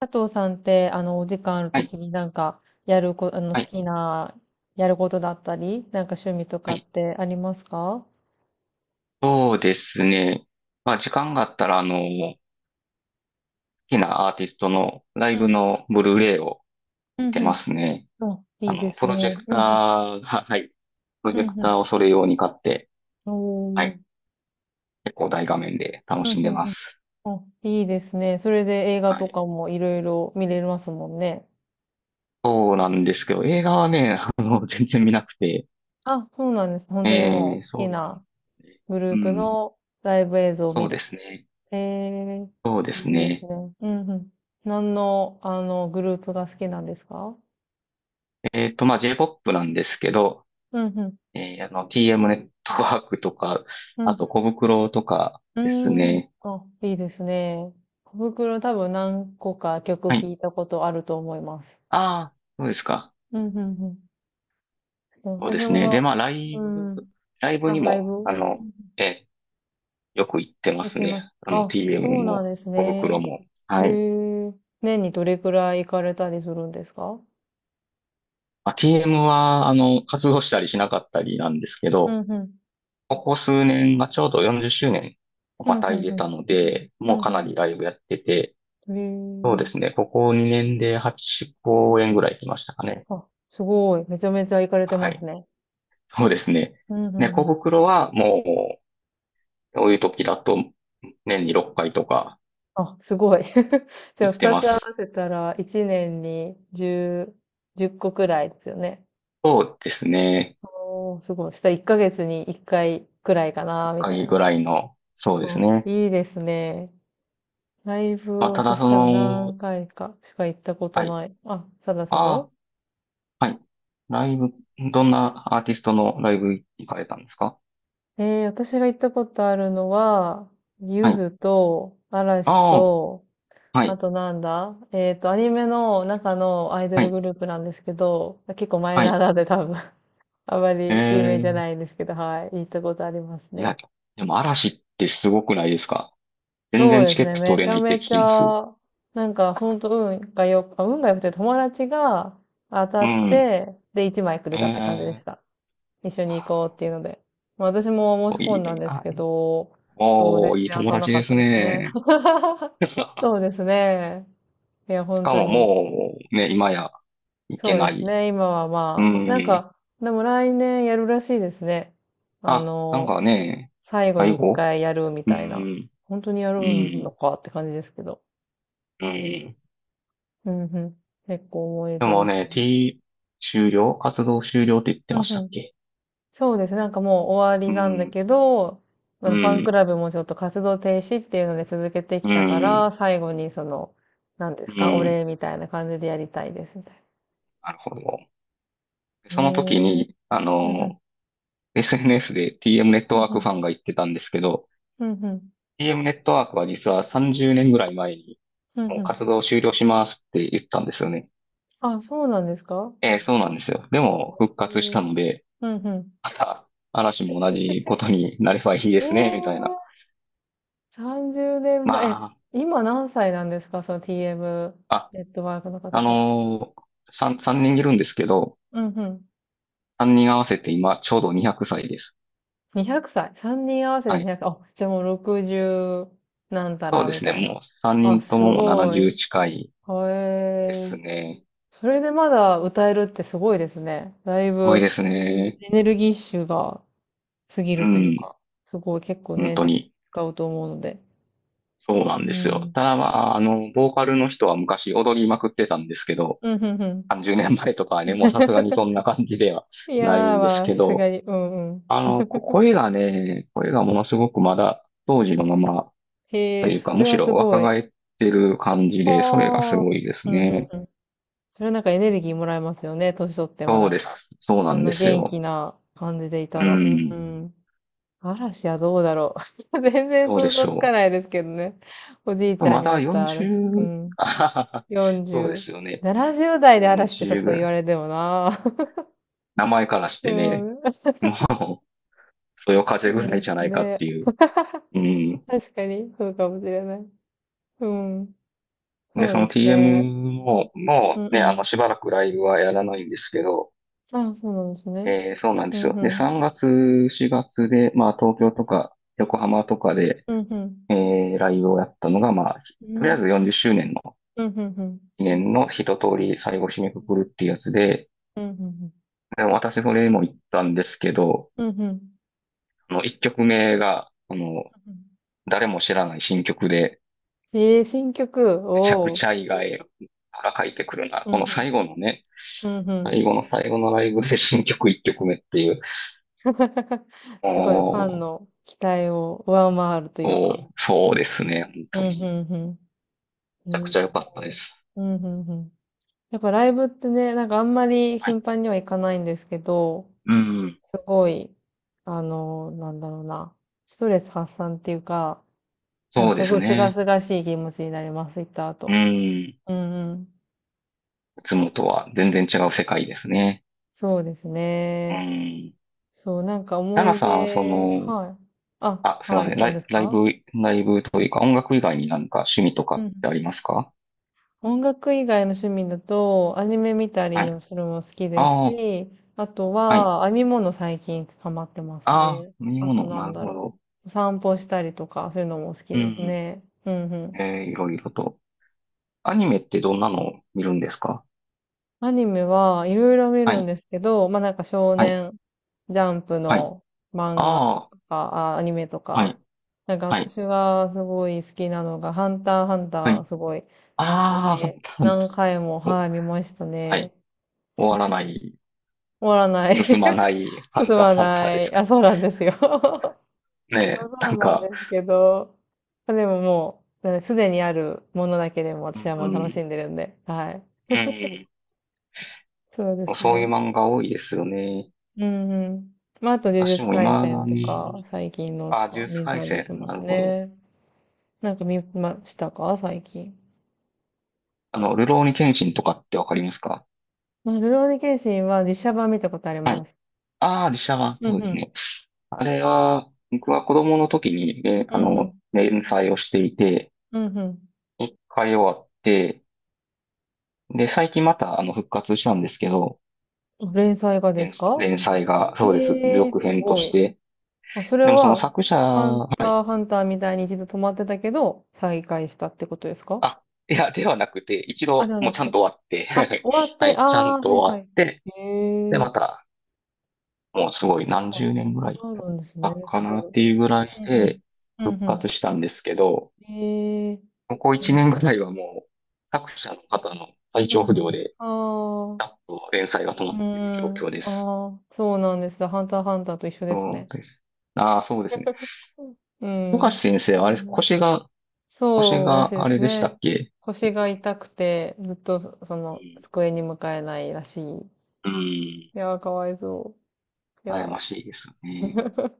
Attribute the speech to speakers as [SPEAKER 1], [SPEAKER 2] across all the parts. [SPEAKER 1] 佐藤さんって、お時間ある
[SPEAKER 2] は
[SPEAKER 1] と
[SPEAKER 2] い、
[SPEAKER 1] きになんか、やるこ、あの、
[SPEAKER 2] は
[SPEAKER 1] 好
[SPEAKER 2] い、
[SPEAKER 1] きな、やることだったり、なんか趣味と
[SPEAKER 2] は
[SPEAKER 1] かっ
[SPEAKER 2] い。
[SPEAKER 1] てありますか？
[SPEAKER 2] そうですね。まあ、時間があったら、好きなアーティストのライ
[SPEAKER 1] うんう
[SPEAKER 2] ブ
[SPEAKER 1] ん。
[SPEAKER 2] のブルーレイを
[SPEAKER 1] う
[SPEAKER 2] 見
[SPEAKER 1] ん
[SPEAKER 2] て
[SPEAKER 1] う
[SPEAKER 2] ま
[SPEAKER 1] ん。
[SPEAKER 2] すね。
[SPEAKER 1] あ、いいです
[SPEAKER 2] プロジェ
[SPEAKER 1] ね。
[SPEAKER 2] ク
[SPEAKER 1] う
[SPEAKER 2] タ
[SPEAKER 1] んうん。
[SPEAKER 2] ーが、はい、プロ
[SPEAKER 1] う
[SPEAKER 2] ジ
[SPEAKER 1] ん
[SPEAKER 2] ェク
[SPEAKER 1] う
[SPEAKER 2] ター
[SPEAKER 1] ん。
[SPEAKER 2] をそれ用に買って、
[SPEAKER 1] お
[SPEAKER 2] は
[SPEAKER 1] ー。
[SPEAKER 2] い、結構大画面で楽
[SPEAKER 1] うん
[SPEAKER 2] しん
[SPEAKER 1] う
[SPEAKER 2] で
[SPEAKER 1] ん
[SPEAKER 2] ま
[SPEAKER 1] うん。
[SPEAKER 2] す。
[SPEAKER 1] あ、いいですね。それで映画
[SPEAKER 2] は
[SPEAKER 1] と
[SPEAKER 2] い。
[SPEAKER 1] かもいろいろ見れますもんね。
[SPEAKER 2] そうなんですけど、映画はね、全然見なくて、
[SPEAKER 1] あ、そうなんです。本当にも
[SPEAKER 2] え
[SPEAKER 1] う好
[SPEAKER 2] そ
[SPEAKER 1] き
[SPEAKER 2] うなん
[SPEAKER 1] な
[SPEAKER 2] ですね。
[SPEAKER 1] グル
[SPEAKER 2] う
[SPEAKER 1] ープ
[SPEAKER 2] ん、
[SPEAKER 1] のライブ映像を見
[SPEAKER 2] そうで
[SPEAKER 1] る。
[SPEAKER 2] すね。
[SPEAKER 1] えー、
[SPEAKER 2] そうです
[SPEAKER 1] いいです
[SPEAKER 2] ね。
[SPEAKER 1] ね。うんうん。何の、グループが好きなんですか？
[SPEAKER 2] まあ、J-POP なんですけど、
[SPEAKER 1] うんうん。
[SPEAKER 2] TM ネットワークとか、
[SPEAKER 1] う
[SPEAKER 2] あ
[SPEAKER 1] ん
[SPEAKER 2] と、コブクロとか
[SPEAKER 1] う
[SPEAKER 2] です
[SPEAKER 1] ん。うーん。
[SPEAKER 2] ね。
[SPEAKER 1] あ、いいですね。小袋多分何個か曲
[SPEAKER 2] はい。
[SPEAKER 1] 聞いたことあると思います。
[SPEAKER 2] ああ、そうですか。
[SPEAKER 1] うんうんうん。
[SPEAKER 2] そうで
[SPEAKER 1] 私
[SPEAKER 2] すね。で、
[SPEAKER 1] も、
[SPEAKER 2] まあ、
[SPEAKER 1] うん。
[SPEAKER 2] ライブ
[SPEAKER 1] あ、
[SPEAKER 2] に
[SPEAKER 1] ライ
[SPEAKER 2] も、
[SPEAKER 1] ブ、うん、
[SPEAKER 2] えーよく行ってま
[SPEAKER 1] 行
[SPEAKER 2] す
[SPEAKER 1] き
[SPEAKER 2] ね。
[SPEAKER 1] ます。あ、
[SPEAKER 2] TM
[SPEAKER 1] そうなん
[SPEAKER 2] も、
[SPEAKER 1] です
[SPEAKER 2] コブクロ
[SPEAKER 1] ね。
[SPEAKER 2] も。
[SPEAKER 1] へ
[SPEAKER 2] はい。
[SPEAKER 1] え。年にどれくらい行かれたりするんですか？
[SPEAKER 2] まあ、TM は、活動したりしなかったりなんですけ
[SPEAKER 1] う
[SPEAKER 2] ど、
[SPEAKER 1] んうん。
[SPEAKER 2] ここ数年がちょうど40周年を
[SPEAKER 1] う
[SPEAKER 2] ま
[SPEAKER 1] ん
[SPEAKER 2] た
[SPEAKER 1] う
[SPEAKER 2] 入
[SPEAKER 1] ん
[SPEAKER 2] れ
[SPEAKER 1] う
[SPEAKER 2] た
[SPEAKER 1] ん。
[SPEAKER 2] ので、もうか
[SPEAKER 1] う
[SPEAKER 2] な
[SPEAKER 1] ん
[SPEAKER 2] りライブやってて、
[SPEAKER 1] うん。
[SPEAKER 2] そうで
[SPEAKER 1] へ
[SPEAKER 2] す
[SPEAKER 1] え。
[SPEAKER 2] ね。ここ2年で8公演ぐらい来ましたかね。
[SPEAKER 1] あ、すごい。めちゃめちゃ行かれて
[SPEAKER 2] は
[SPEAKER 1] ます
[SPEAKER 2] い。
[SPEAKER 1] ね。
[SPEAKER 2] そうですね。
[SPEAKER 1] うんうんう
[SPEAKER 2] 猫
[SPEAKER 1] ん。
[SPEAKER 2] 袋はもう、そういう時だと年に6回とか
[SPEAKER 1] あ、すごい。じゃあ
[SPEAKER 2] 行って
[SPEAKER 1] 2
[SPEAKER 2] ま
[SPEAKER 1] つ合わ
[SPEAKER 2] す。
[SPEAKER 1] せたら1年に10、個くらいですよね。
[SPEAKER 2] そうですね。
[SPEAKER 1] おー、すごい。したら1ヶ月に1回くらいかな、
[SPEAKER 2] 6
[SPEAKER 1] みたい
[SPEAKER 2] 回
[SPEAKER 1] な。
[SPEAKER 2] ぐらいの、そうです
[SPEAKER 1] あ、
[SPEAKER 2] ね。
[SPEAKER 1] いいですね。ライブ、
[SPEAKER 2] まあ、ただ
[SPEAKER 1] 私
[SPEAKER 2] そ
[SPEAKER 1] 多分
[SPEAKER 2] の、
[SPEAKER 1] 何回かしか行ったこと
[SPEAKER 2] はい。
[SPEAKER 1] ない。あ、サダさんの。
[SPEAKER 2] ああ、はい。ライブ、どんなアーティストのライブ行かれたんですか？
[SPEAKER 1] えー、私が行ったことあるのは、ゆ
[SPEAKER 2] はい。
[SPEAKER 1] ずと、嵐
[SPEAKER 2] ああ、
[SPEAKER 1] と、
[SPEAKER 2] は
[SPEAKER 1] あ
[SPEAKER 2] い、
[SPEAKER 1] となんだアニメの中のアイド
[SPEAKER 2] は
[SPEAKER 1] ル
[SPEAKER 2] い、
[SPEAKER 1] グループなんですけど、結構マイ
[SPEAKER 2] は
[SPEAKER 1] ナー
[SPEAKER 2] い。
[SPEAKER 1] なんで多分。あまり有名じゃない
[SPEAKER 2] ええ
[SPEAKER 1] んですけど、はい。行ったことあります
[SPEAKER 2] いや、
[SPEAKER 1] ね。
[SPEAKER 2] でも嵐ってすごくないですか？全
[SPEAKER 1] そう
[SPEAKER 2] 然
[SPEAKER 1] で
[SPEAKER 2] チ
[SPEAKER 1] す
[SPEAKER 2] ケッ
[SPEAKER 1] ね。
[SPEAKER 2] ト
[SPEAKER 1] め
[SPEAKER 2] 取
[SPEAKER 1] ち
[SPEAKER 2] れな
[SPEAKER 1] ゃ
[SPEAKER 2] いって
[SPEAKER 1] め
[SPEAKER 2] 聞
[SPEAKER 1] ち
[SPEAKER 2] きます。
[SPEAKER 1] ゃ、なんか、本当運が良くて友達が当たっ
[SPEAKER 2] う
[SPEAKER 1] て、で、1枚くれたって感じで
[SPEAKER 2] ん。ええ
[SPEAKER 1] した。一緒に行こうっていうので。まあ私も申し
[SPEAKER 2] い
[SPEAKER 1] 込んだん
[SPEAKER 2] い。
[SPEAKER 1] ですけど、そう、全
[SPEAKER 2] おー、いい
[SPEAKER 1] 然当
[SPEAKER 2] 友
[SPEAKER 1] たんな
[SPEAKER 2] 達
[SPEAKER 1] か
[SPEAKER 2] で
[SPEAKER 1] っ
[SPEAKER 2] す
[SPEAKER 1] たですね。
[SPEAKER 2] ね。し
[SPEAKER 1] そうですね。いや、本
[SPEAKER 2] か
[SPEAKER 1] 当
[SPEAKER 2] も
[SPEAKER 1] に。
[SPEAKER 2] もうね、今やいけ
[SPEAKER 1] そうで
[SPEAKER 2] な
[SPEAKER 1] す
[SPEAKER 2] い。
[SPEAKER 1] ね。今は
[SPEAKER 2] う
[SPEAKER 1] まあ、なん
[SPEAKER 2] ん。
[SPEAKER 1] か、でも来年やるらしいですね。あ
[SPEAKER 2] あ、なん
[SPEAKER 1] の、
[SPEAKER 2] かね、
[SPEAKER 1] 最後
[SPEAKER 2] 最
[SPEAKER 1] に一
[SPEAKER 2] 後
[SPEAKER 1] 回やるみ
[SPEAKER 2] う
[SPEAKER 1] たいな。
[SPEAKER 2] ん、
[SPEAKER 1] 本当にやる
[SPEAKER 2] う
[SPEAKER 1] の
[SPEAKER 2] ん、
[SPEAKER 1] かって感じですけど。
[SPEAKER 2] うん。
[SPEAKER 1] うんうん。結構思い
[SPEAKER 2] で
[SPEAKER 1] 出
[SPEAKER 2] も
[SPEAKER 1] です
[SPEAKER 2] ね、
[SPEAKER 1] ね。
[SPEAKER 2] T 終了活動終了って言って
[SPEAKER 1] う
[SPEAKER 2] ま
[SPEAKER 1] ん
[SPEAKER 2] し
[SPEAKER 1] う
[SPEAKER 2] たっ
[SPEAKER 1] ん。
[SPEAKER 2] け？
[SPEAKER 1] そうですね。なんかもう終わり
[SPEAKER 2] う
[SPEAKER 1] なんだ
[SPEAKER 2] ん、
[SPEAKER 1] けど、まあ
[SPEAKER 2] う
[SPEAKER 1] のファンク
[SPEAKER 2] ん、
[SPEAKER 1] ラブもちょっと活動停止っていうので続けてき
[SPEAKER 2] う
[SPEAKER 1] たから、
[SPEAKER 2] ん、
[SPEAKER 1] 最後に何で
[SPEAKER 2] う
[SPEAKER 1] すか、お
[SPEAKER 2] ん。
[SPEAKER 1] 礼みたいな感じでやりたいですみたい
[SPEAKER 2] なるほど。で
[SPEAKER 1] な。へ
[SPEAKER 2] その時
[SPEAKER 1] え。
[SPEAKER 2] に、
[SPEAKER 1] うんうん。
[SPEAKER 2] SNS で TM ネッ
[SPEAKER 1] う
[SPEAKER 2] ト
[SPEAKER 1] ん
[SPEAKER 2] ワー
[SPEAKER 1] う
[SPEAKER 2] ク
[SPEAKER 1] ん。
[SPEAKER 2] ファンが言ってたんですけど、
[SPEAKER 1] うんうん。
[SPEAKER 2] TM ネットワークは実は30年ぐらい前に
[SPEAKER 1] う
[SPEAKER 2] も
[SPEAKER 1] ん
[SPEAKER 2] う
[SPEAKER 1] うん。
[SPEAKER 2] 活動終了しますって言ったんですよね。
[SPEAKER 1] あ、そうなんですか？
[SPEAKER 2] ええ、そうなんですよ。でも復
[SPEAKER 1] う
[SPEAKER 2] 活した
[SPEAKER 1] ん。
[SPEAKER 2] ので、
[SPEAKER 1] うんうん。
[SPEAKER 2] また嵐も同じこ とになればいいで
[SPEAKER 1] ええ、
[SPEAKER 2] すね、みたいな。
[SPEAKER 1] 30年
[SPEAKER 2] ま
[SPEAKER 1] 前、今何歳なんですか、その TM
[SPEAKER 2] あ、
[SPEAKER 1] ネットワークの方
[SPEAKER 2] あ、
[SPEAKER 1] 々。
[SPEAKER 2] あのー、3、三人いるんですけど、
[SPEAKER 1] うんうん。
[SPEAKER 2] 3人合わせて今ちょうど200歳です。
[SPEAKER 1] 200歳。3人合わせて
[SPEAKER 2] はい。
[SPEAKER 1] 200歳。あ、じゃあもう60なんた
[SPEAKER 2] そう
[SPEAKER 1] ら
[SPEAKER 2] で
[SPEAKER 1] み
[SPEAKER 2] すね。
[SPEAKER 1] たいな。
[SPEAKER 2] もう3
[SPEAKER 1] あ、
[SPEAKER 2] 人と
[SPEAKER 1] す
[SPEAKER 2] ももう
[SPEAKER 1] ごい。
[SPEAKER 2] 70近い
[SPEAKER 1] へ
[SPEAKER 2] です
[SPEAKER 1] え。
[SPEAKER 2] ね。
[SPEAKER 1] それでまだ歌えるってすごいですね。だい
[SPEAKER 2] すごい
[SPEAKER 1] ぶ
[SPEAKER 2] ですね。
[SPEAKER 1] エネルギッシュが過ぎ
[SPEAKER 2] う
[SPEAKER 1] るという
[SPEAKER 2] ん。
[SPEAKER 1] か、すごい結構ね、
[SPEAKER 2] 本
[SPEAKER 1] エ
[SPEAKER 2] 当
[SPEAKER 1] ネルギー
[SPEAKER 2] に。
[SPEAKER 1] 使うと思うので。
[SPEAKER 2] そうな
[SPEAKER 1] う
[SPEAKER 2] んですよ。
[SPEAKER 1] ん。
[SPEAKER 2] ただまあ、ボーカルの人は昔踊りまくってたんですけど、
[SPEAKER 1] うんうんうん。
[SPEAKER 2] 30年前とかはね、もうさすがにそんな感じでは
[SPEAKER 1] い
[SPEAKER 2] な
[SPEAKER 1] や
[SPEAKER 2] い
[SPEAKER 1] ー、
[SPEAKER 2] んで
[SPEAKER 1] ま
[SPEAKER 2] す
[SPEAKER 1] あ、
[SPEAKER 2] け
[SPEAKER 1] さすが
[SPEAKER 2] ど、
[SPEAKER 1] に。うん
[SPEAKER 2] あ
[SPEAKER 1] うん。
[SPEAKER 2] の、こ声がね、声がものすごくまだ当時のまま
[SPEAKER 1] へ
[SPEAKER 2] と
[SPEAKER 1] え、
[SPEAKER 2] いうか、
[SPEAKER 1] それ
[SPEAKER 2] むし
[SPEAKER 1] は
[SPEAKER 2] ろ
[SPEAKER 1] すご
[SPEAKER 2] 若
[SPEAKER 1] い。
[SPEAKER 2] 返ってる感じで、それがす
[SPEAKER 1] は
[SPEAKER 2] ご
[SPEAKER 1] あ。
[SPEAKER 2] いです
[SPEAKER 1] うんうん
[SPEAKER 2] ね。
[SPEAKER 1] うん。それなんかエネルギーもらえますよね。年取っても
[SPEAKER 2] そう
[SPEAKER 1] なん
[SPEAKER 2] で
[SPEAKER 1] か。
[SPEAKER 2] す。そうな
[SPEAKER 1] あん
[SPEAKER 2] んで
[SPEAKER 1] な
[SPEAKER 2] す
[SPEAKER 1] 元
[SPEAKER 2] よ。
[SPEAKER 1] 気な感じでいた
[SPEAKER 2] う
[SPEAKER 1] ら。う
[SPEAKER 2] ん。
[SPEAKER 1] ん。嵐はどうだろう。全然
[SPEAKER 2] どうで
[SPEAKER 1] 想
[SPEAKER 2] し
[SPEAKER 1] 像つか
[SPEAKER 2] ょ
[SPEAKER 1] ないですけどね。おじい
[SPEAKER 2] う。
[SPEAKER 1] ちゃん
[SPEAKER 2] ま
[SPEAKER 1] にな
[SPEAKER 2] だ
[SPEAKER 1] った嵐。う
[SPEAKER 2] 40、
[SPEAKER 1] ん。
[SPEAKER 2] あはははそうですよ
[SPEAKER 1] 40。
[SPEAKER 2] ね。
[SPEAKER 1] 70代で嵐ってちょっ
[SPEAKER 2] 40
[SPEAKER 1] と
[SPEAKER 2] ぐ
[SPEAKER 1] 言
[SPEAKER 2] ら
[SPEAKER 1] わ
[SPEAKER 2] い。
[SPEAKER 1] れてもな。
[SPEAKER 2] 名前からして
[SPEAKER 1] で
[SPEAKER 2] ね、
[SPEAKER 1] もね、
[SPEAKER 2] もう、そよ風ぐ
[SPEAKER 1] そう
[SPEAKER 2] らい
[SPEAKER 1] で
[SPEAKER 2] じゃ
[SPEAKER 1] す
[SPEAKER 2] ないかっ
[SPEAKER 1] ね。
[SPEAKER 2] ていう。うん。
[SPEAKER 1] 確かに、そうかもしれない。うん。
[SPEAKER 2] で、
[SPEAKER 1] そう
[SPEAKER 2] そ
[SPEAKER 1] で
[SPEAKER 2] の
[SPEAKER 1] すね。
[SPEAKER 2] TM も、
[SPEAKER 1] う
[SPEAKER 2] も
[SPEAKER 1] ん
[SPEAKER 2] う
[SPEAKER 1] う
[SPEAKER 2] ね、
[SPEAKER 1] ん。
[SPEAKER 2] しばらくライブはやらないんですけど、
[SPEAKER 1] あ、そうなんですね。
[SPEAKER 2] そうなん
[SPEAKER 1] う
[SPEAKER 2] です
[SPEAKER 1] ん
[SPEAKER 2] よ。
[SPEAKER 1] う
[SPEAKER 2] で、
[SPEAKER 1] ん。
[SPEAKER 2] 3月、4月で、まあ、東京とか横浜とかで、
[SPEAKER 1] うんうん。
[SPEAKER 2] ライブをやったのが、まあ、
[SPEAKER 1] う
[SPEAKER 2] とりあえず
[SPEAKER 1] ん
[SPEAKER 2] 40周年の
[SPEAKER 1] うん、ふんふん。
[SPEAKER 2] 記念の一通り最後締めくくるっていうやつで、
[SPEAKER 1] うん、ふんふん。
[SPEAKER 2] でも私それも行ったんですけど、
[SPEAKER 1] うん、ふんふん。うん
[SPEAKER 2] 1曲目が、
[SPEAKER 1] ふん、
[SPEAKER 2] 誰も知らない新曲で、
[SPEAKER 1] えー新曲。
[SPEAKER 2] めちゃ
[SPEAKER 1] お
[SPEAKER 2] く
[SPEAKER 1] お。
[SPEAKER 2] ちゃ意外、ら書いてくるな。
[SPEAKER 1] う
[SPEAKER 2] こ
[SPEAKER 1] ん
[SPEAKER 2] の
[SPEAKER 1] ふん。
[SPEAKER 2] 最後のね、
[SPEAKER 1] うんふ
[SPEAKER 2] 最
[SPEAKER 1] ん。
[SPEAKER 2] 後の最後のライブで新曲1曲目っていう、お
[SPEAKER 1] すごい、ファン
[SPEAKER 2] ー、
[SPEAKER 1] の期待を上回るというか。
[SPEAKER 2] そうそうですね。本
[SPEAKER 1] う
[SPEAKER 2] 当に。
[SPEAKER 1] んう
[SPEAKER 2] め
[SPEAKER 1] んう
[SPEAKER 2] ちゃ
[SPEAKER 1] ん。
[SPEAKER 2] く
[SPEAKER 1] えー
[SPEAKER 2] ちゃ
[SPEAKER 1] す
[SPEAKER 2] 良かった
[SPEAKER 1] ご
[SPEAKER 2] で
[SPEAKER 1] い。
[SPEAKER 2] す。
[SPEAKER 1] うんうんうん。やっぱライブってね、なんかあんまり
[SPEAKER 2] はい。
[SPEAKER 1] 頻繁には行かないんですけど、
[SPEAKER 2] うん。
[SPEAKER 1] すごい、なんだろうな、ストレス発散っていうか、なんか
[SPEAKER 2] そうで
[SPEAKER 1] す
[SPEAKER 2] す
[SPEAKER 1] ごい清
[SPEAKER 2] ね。
[SPEAKER 1] 々しい気持ちになります、行った
[SPEAKER 2] う
[SPEAKER 1] 後。
[SPEAKER 2] ん。い
[SPEAKER 1] うんうん。
[SPEAKER 2] つもとは全然違う世界ですね。
[SPEAKER 1] そうです
[SPEAKER 2] う
[SPEAKER 1] ね。
[SPEAKER 2] ん。
[SPEAKER 1] そう、なんか
[SPEAKER 2] ラ
[SPEAKER 1] 思
[SPEAKER 2] ナ
[SPEAKER 1] い
[SPEAKER 2] さん、
[SPEAKER 1] 出、はい。あ、
[SPEAKER 2] すい
[SPEAKER 1] は
[SPEAKER 2] ま
[SPEAKER 1] い、
[SPEAKER 2] せん。
[SPEAKER 1] なんですか？
[SPEAKER 2] ライブというか音楽以外になんか趣味と
[SPEAKER 1] う
[SPEAKER 2] かっ
[SPEAKER 1] ん。
[SPEAKER 2] てありますか？
[SPEAKER 1] 音楽以外の趣味だと、アニメ見たり
[SPEAKER 2] はい。
[SPEAKER 1] するのも好きです
[SPEAKER 2] ああ、
[SPEAKER 1] し、あと
[SPEAKER 2] はい。
[SPEAKER 1] は、編み物最近捕まってま
[SPEAKER 2] あ
[SPEAKER 1] す
[SPEAKER 2] あ、
[SPEAKER 1] ね。
[SPEAKER 2] 飲み
[SPEAKER 1] あと
[SPEAKER 2] 物、
[SPEAKER 1] な
[SPEAKER 2] な
[SPEAKER 1] ん
[SPEAKER 2] る
[SPEAKER 1] だ
[SPEAKER 2] ほ
[SPEAKER 1] ろ
[SPEAKER 2] ど。
[SPEAKER 1] う。散歩したりとか、そういうのも好き
[SPEAKER 2] う
[SPEAKER 1] です
[SPEAKER 2] ん。
[SPEAKER 1] ね。うん。
[SPEAKER 2] いろいろと。アニメってどんなのを見るんですか？
[SPEAKER 1] アニメはいろいろ見
[SPEAKER 2] は
[SPEAKER 1] るん
[SPEAKER 2] い。
[SPEAKER 1] ですけど、まあなんか少
[SPEAKER 2] はい。
[SPEAKER 1] 年ジャンプ
[SPEAKER 2] はい。
[SPEAKER 1] の漫画と
[SPEAKER 2] あ
[SPEAKER 1] か、あ、アニメと
[SPEAKER 2] あ、は
[SPEAKER 1] か、
[SPEAKER 2] い。
[SPEAKER 1] なんか
[SPEAKER 2] はい。
[SPEAKER 1] 私がすごい好きなのが、ハンターハン
[SPEAKER 2] は
[SPEAKER 1] ター
[SPEAKER 2] い
[SPEAKER 1] すごい好き
[SPEAKER 2] ああ、ハ
[SPEAKER 1] で、
[SPEAKER 2] ンター、ハンタ
[SPEAKER 1] 何
[SPEAKER 2] ー。
[SPEAKER 1] 回も、
[SPEAKER 2] お
[SPEAKER 1] はい、見ました
[SPEAKER 2] はい。
[SPEAKER 1] ね。
[SPEAKER 2] 終わらない、
[SPEAKER 1] 終わらない。
[SPEAKER 2] 進まない、ハ
[SPEAKER 1] 進
[SPEAKER 2] ンター、
[SPEAKER 1] ま
[SPEAKER 2] ハンター
[SPEAKER 1] な
[SPEAKER 2] です
[SPEAKER 1] い。
[SPEAKER 2] か。
[SPEAKER 1] あ、そうなんですよ。そ
[SPEAKER 2] ねえ、な
[SPEAKER 1] う
[SPEAKER 2] ん
[SPEAKER 1] なん
[SPEAKER 2] か、
[SPEAKER 1] ですけど、でももう、すでにあるものだけでも
[SPEAKER 2] う
[SPEAKER 1] 私はもう楽し
[SPEAKER 2] ん、
[SPEAKER 1] んでるんで、はい。
[SPEAKER 2] う
[SPEAKER 1] そうで
[SPEAKER 2] ん、
[SPEAKER 1] す
[SPEAKER 2] そういう
[SPEAKER 1] ね。
[SPEAKER 2] 漫画多いですよね。
[SPEAKER 1] うんうん。まあ、あと呪
[SPEAKER 2] 私
[SPEAKER 1] 術
[SPEAKER 2] も未
[SPEAKER 1] 廻戦
[SPEAKER 2] だ
[SPEAKER 1] とか、
[SPEAKER 2] に、
[SPEAKER 1] 最近のと
[SPEAKER 2] あ、ジ
[SPEAKER 1] か
[SPEAKER 2] ュース
[SPEAKER 1] 見
[SPEAKER 2] 回
[SPEAKER 1] たりし
[SPEAKER 2] 戦、
[SPEAKER 1] ま
[SPEAKER 2] な
[SPEAKER 1] す
[SPEAKER 2] るほど。
[SPEAKER 1] ね。なんか見ましたか、最近。
[SPEAKER 2] ルローニケにシンとかってわかりますか？
[SPEAKER 1] まあ、ルローニケンシンは実写版見たことあり
[SPEAKER 2] は
[SPEAKER 1] ま
[SPEAKER 2] い。
[SPEAKER 1] す。
[SPEAKER 2] ああ、実写版、
[SPEAKER 1] う
[SPEAKER 2] そう
[SPEAKER 1] んう
[SPEAKER 2] です
[SPEAKER 1] ん。
[SPEAKER 2] ね。あれは、僕は子供の時に、ね、
[SPEAKER 1] うんうん。
[SPEAKER 2] 連載をしていて、
[SPEAKER 1] うんうん。
[SPEAKER 2] 一回終わって、で、最近また、復活したんですけど、
[SPEAKER 1] 連載がですか？
[SPEAKER 2] 連載が、そうです。
[SPEAKER 1] へえ、
[SPEAKER 2] 続
[SPEAKER 1] す
[SPEAKER 2] 編と
[SPEAKER 1] ご
[SPEAKER 2] し
[SPEAKER 1] い。
[SPEAKER 2] て。
[SPEAKER 1] まあ、それ
[SPEAKER 2] でもその
[SPEAKER 1] は、
[SPEAKER 2] 作者、
[SPEAKER 1] ハン
[SPEAKER 2] はい。
[SPEAKER 1] ター、ハンターみたいに一度止まってたけど、再開したってことですか？
[SPEAKER 2] あ、いや、ではなくて、一
[SPEAKER 1] あ、で
[SPEAKER 2] 度、
[SPEAKER 1] は
[SPEAKER 2] も
[SPEAKER 1] な
[SPEAKER 2] うち
[SPEAKER 1] く
[SPEAKER 2] ゃん
[SPEAKER 1] て。
[SPEAKER 2] と終わって、
[SPEAKER 1] あ、終わっ
[SPEAKER 2] は
[SPEAKER 1] て、あ
[SPEAKER 2] い、ちゃん
[SPEAKER 1] あ、
[SPEAKER 2] と
[SPEAKER 1] はい
[SPEAKER 2] 終
[SPEAKER 1] は
[SPEAKER 2] わっ
[SPEAKER 1] い。
[SPEAKER 2] て、で、
[SPEAKER 1] へえ。
[SPEAKER 2] また、もうすごい何
[SPEAKER 1] あ、
[SPEAKER 2] 十年ぐらい
[SPEAKER 1] そうな
[SPEAKER 2] 経っ
[SPEAKER 1] るんです
[SPEAKER 2] た
[SPEAKER 1] ね。
[SPEAKER 2] か
[SPEAKER 1] す
[SPEAKER 2] な
[SPEAKER 1] ご
[SPEAKER 2] ってい
[SPEAKER 1] い。
[SPEAKER 2] うぐらい
[SPEAKER 1] うんう
[SPEAKER 2] で
[SPEAKER 1] ん。う
[SPEAKER 2] 復
[SPEAKER 1] んうん。
[SPEAKER 2] 活したんですけど、
[SPEAKER 1] ええ、
[SPEAKER 2] ここ
[SPEAKER 1] 知ら
[SPEAKER 2] 一
[SPEAKER 1] な
[SPEAKER 2] 年
[SPEAKER 1] かっ
[SPEAKER 2] ぐらいはもう、作者の方の体
[SPEAKER 1] た。うんう
[SPEAKER 2] 調不
[SPEAKER 1] ん。
[SPEAKER 2] 良で、
[SPEAKER 1] ああ、
[SPEAKER 2] ちょっと連載が止ま
[SPEAKER 1] う
[SPEAKER 2] っている
[SPEAKER 1] ん
[SPEAKER 2] 状況
[SPEAKER 1] ん。
[SPEAKER 2] です。
[SPEAKER 1] ああ、そうなんです。ハンターハンターと一緒です
[SPEAKER 2] そう
[SPEAKER 1] ね。
[SPEAKER 2] です。ああ、そうですね。
[SPEAKER 1] う
[SPEAKER 2] 富樫
[SPEAKER 1] ん。
[SPEAKER 2] 先生、
[SPEAKER 1] う
[SPEAKER 2] あれ、
[SPEAKER 1] ん、
[SPEAKER 2] 腰
[SPEAKER 1] そうらし
[SPEAKER 2] が
[SPEAKER 1] いで
[SPEAKER 2] あ
[SPEAKER 1] す
[SPEAKER 2] れでした
[SPEAKER 1] ね。
[SPEAKER 2] っけ？
[SPEAKER 1] 腰が痛くて、ずっとそそ
[SPEAKER 2] う
[SPEAKER 1] の
[SPEAKER 2] ん
[SPEAKER 1] 机に向かえないらしい。
[SPEAKER 2] うん。
[SPEAKER 1] いやー、かわいそう。いや
[SPEAKER 2] 悩ま
[SPEAKER 1] ー、
[SPEAKER 2] しいですよね。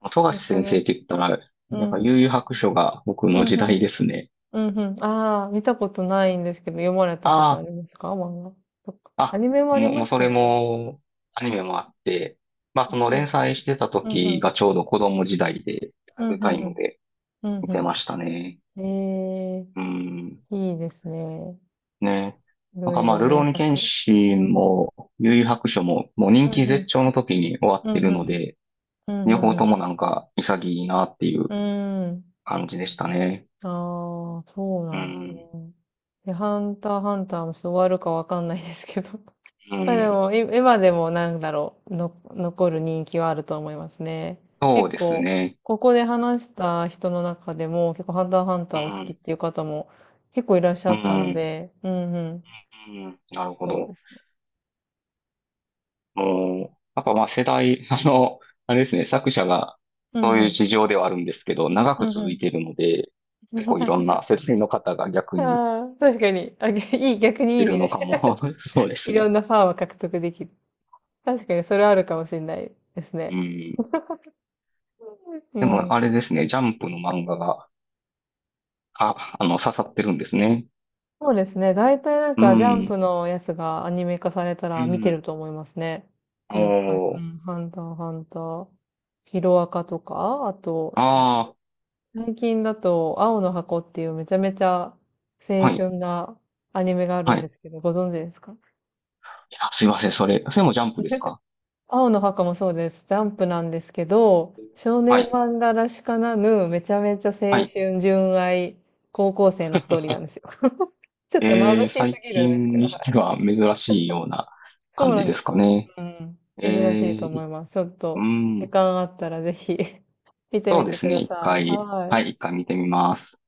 [SPEAKER 2] 富樫
[SPEAKER 1] なか
[SPEAKER 2] 先
[SPEAKER 1] な
[SPEAKER 2] 生っ
[SPEAKER 1] か。
[SPEAKER 2] て言ったら、
[SPEAKER 1] う
[SPEAKER 2] なんか
[SPEAKER 1] ん。
[SPEAKER 2] 悠々白書が僕
[SPEAKER 1] う
[SPEAKER 2] の
[SPEAKER 1] ん
[SPEAKER 2] 時
[SPEAKER 1] うん。
[SPEAKER 2] 代ですね。
[SPEAKER 1] うんうん。ああ、見たことないんですけど、読まれたことあ
[SPEAKER 2] あ
[SPEAKER 1] りますか、漫画かアニメもあり
[SPEAKER 2] も
[SPEAKER 1] ま
[SPEAKER 2] う
[SPEAKER 1] し
[SPEAKER 2] そ
[SPEAKER 1] た
[SPEAKER 2] れ
[SPEAKER 1] っけ？
[SPEAKER 2] も、アニメもあって、まあ
[SPEAKER 1] あ、
[SPEAKER 2] その
[SPEAKER 1] うん。
[SPEAKER 2] 連載してた
[SPEAKER 1] うんう
[SPEAKER 2] 時
[SPEAKER 1] ん。
[SPEAKER 2] がちょうど子供時代で、リア
[SPEAKER 1] うん、
[SPEAKER 2] ル
[SPEAKER 1] う
[SPEAKER 2] タ
[SPEAKER 1] ん、
[SPEAKER 2] イムで
[SPEAKER 1] うん、
[SPEAKER 2] 見
[SPEAKER 1] う
[SPEAKER 2] てま
[SPEAKER 1] ん
[SPEAKER 2] したね。
[SPEAKER 1] うん。ええ、
[SPEAKER 2] うん。
[SPEAKER 1] いいですね。
[SPEAKER 2] ね。
[SPEAKER 1] い
[SPEAKER 2] なん
[SPEAKER 1] ろ
[SPEAKER 2] か
[SPEAKER 1] い
[SPEAKER 2] まあ、
[SPEAKER 1] ろ
[SPEAKER 2] るろ
[SPEAKER 1] 名
[SPEAKER 2] うに剣
[SPEAKER 1] 作。
[SPEAKER 2] 心も、悠々白書も、もう
[SPEAKER 1] う
[SPEAKER 2] 人気
[SPEAKER 1] ん、う
[SPEAKER 2] 絶
[SPEAKER 1] ん、
[SPEAKER 2] 頂の時に終わっ
[SPEAKER 1] う
[SPEAKER 2] て
[SPEAKER 1] ん、
[SPEAKER 2] る
[SPEAKER 1] う
[SPEAKER 2] ので、
[SPEAKER 1] ん、
[SPEAKER 2] 両
[SPEAKER 1] うん、
[SPEAKER 2] 方
[SPEAKER 1] う
[SPEAKER 2] と
[SPEAKER 1] ん。
[SPEAKER 2] もなんか潔いなってい
[SPEAKER 1] う
[SPEAKER 2] う
[SPEAKER 1] ん、うん。
[SPEAKER 2] 感じでしたね。
[SPEAKER 1] ああー、そう
[SPEAKER 2] う
[SPEAKER 1] なんですね。
[SPEAKER 2] ん。
[SPEAKER 1] で、ハンター、ハンターもちょっと終わるかわかんないですけど。
[SPEAKER 2] う
[SPEAKER 1] まあで
[SPEAKER 2] ん。
[SPEAKER 1] も、今でもなんだろう、残る人気はあると思いますね。
[SPEAKER 2] そう
[SPEAKER 1] 結
[SPEAKER 2] です
[SPEAKER 1] 構、
[SPEAKER 2] ね。
[SPEAKER 1] ここで話した人の中でも、結構ハンター、ハンタ
[SPEAKER 2] う
[SPEAKER 1] ーを好きっ
[SPEAKER 2] ん、
[SPEAKER 1] ていう方も結構いらっし
[SPEAKER 2] う
[SPEAKER 1] ゃったの
[SPEAKER 2] ん、
[SPEAKER 1] で、うん、うん。
[SPEAKER 2] うん、なるほ
[SPEAKER 1] そうで
[SPEAKER 2] ど。
[SPEAKER 1] すね。
[SPEAKER 2] もう、やっぱまあ世代、あれですね、作者が
[SPEAKER 1] う
[SPEAKER 2] そ
[SPEAKER 1] ん、
[SPEAKER 2] う
[SPEAKER 1] う
[SPEAKER 2] いう
[SPEAKER 1] ん。
[SPEAKER 2] 事情ではあるんですけど、長
[SPEAKER 1] う
[SPEAKER 2] く
[SPEAKER 1] んう
[SPEAKER 2] 続
[SPEAKER 1] ん。
[SPEAKER 2] いているので、結構いろん な世代の方が逆に
[SPEAKER 1] ああ、確かに。あ、げいい、逆にいい
[SPEAKER 2] い
[SPEAKER 1] 意
[SPEAKER 2] る
[SPEAKER 1] 味
[SPEAKER 2] のかも。
[SPEAKER 1] で。
[SPEAKER 2] そうで す
[SPEAKER 1] いろ
[SPEAKER 2] ね。
[SPEAKER 1] んなファンを獲得できる。確かに、それはあるかもしれないです
[SPEAKER 2] う
[SPEAKER 1] ね。
[SPEAKER 2] ん。
[SPEAKER 1] う
[SPEAKER 2] でも
[SPEAKER 1] ん。
[SPEAKER 2] あれですね、ジャンプの漫画が、刺さってるんですね。
[SPEAKER 1] そうですね。大体なん
[SPEAKER 2] う
[SPEAKER 1] か、ジャンプ
[SPEAKER 2] ん、
[SPEAKER 1] のやつがアニメ化された
[SPEAKER 2] う
[SPEAKER 1] ら見てる
[SPEAKER 2] ん。
[SPEAKER 1] と思いますね。ですかね。う
[SPEAKER 2] おー、
[SPEAKER 1] ん。ハンター、ハンター。ヒロアカとか、あと、
[SPEAKER 2] ああ、
[SPEAKER 1] 最近だと、青の箱っていうめちゃめちゃ青
[SPEAKER 2] はい、
[SPEAKER 1] 春なアニメがある
[SPEAKER 2] は
[SPEAKER 1] ん
[SPEAKER 2] い。
[SPEAKER 1] で
[SPEAKER 2] い
[SPEAKER 1] すけど、ご存知ですか？
[SPEAKER 2] やすいません、それもジャンプですか？
[SPEAKER 1] 青の墓もそうです。ジャンプなんですけど、少
[SPEAKER 2] は
[SPEAKER 1] 年
[SPEAKER 2] い、
[SPEAKER 1] 漫画らしからぬ、めちゃめちゃ
[SPEAKER 2] は
[SPEAKER 1] 青
[SPEAKER 2] い。
[SPEAKER 1] 春、純愛、高校生のストーリーなんで すよ。ちょっと眩しす
[SPEAKER 2] 最
[SPEAKER 1] ぎるんですけ
[SPEAKER 2] 近
[SPEAKER 1] ど、は
[SPEAKER 2] にして
[SPEAKER 1] い。
[SPEAKER 2] は珍しいような
[SPEAKER 1] そう
[SPEAKER 2] 感
[SPEAKER 1] な
[SPEAKER 2] じ
[SPEAKER 1] ん
[SPEAKER 2] で
[SPEAKER 1] で
[SPEAKER 2] す
[SPEAKER 1] す
[SPEAKER 2] か
[SPEAKER 1] よ。
[SPEAKER 2] ね。
[SPEAKER 1] うん。
[SPEAKER 2] えー、
[SPEAKER 1] 珍しいと思い
[SPEAKER 2] い
[SPEAKER 1] ます。ちょっ
[SPEAKER 2] う
[SPEAKER 1] と、時
[SPEAKER 2] ん、
[SPEAKER 1] 間あったらぜひ 見て
[SPEAKER 2] そ
[SPEAKER 1] み
[SPEAKER 2] うで
[SPEAKER 1] て
[SPEAKER 2] す
[SPEAKER 1] く
[SPEAKER 2] ね。
[SPEAKER 1] だ
[SPEAKER 2] 一
[SPEAKER 1] さい。
[SPEAKER 2] 回、
[SPEAKER 1] は
[SPEAKER 2] はい、
[SPEAKER 1] い。
[SPEAKER 2] 一回見てみます。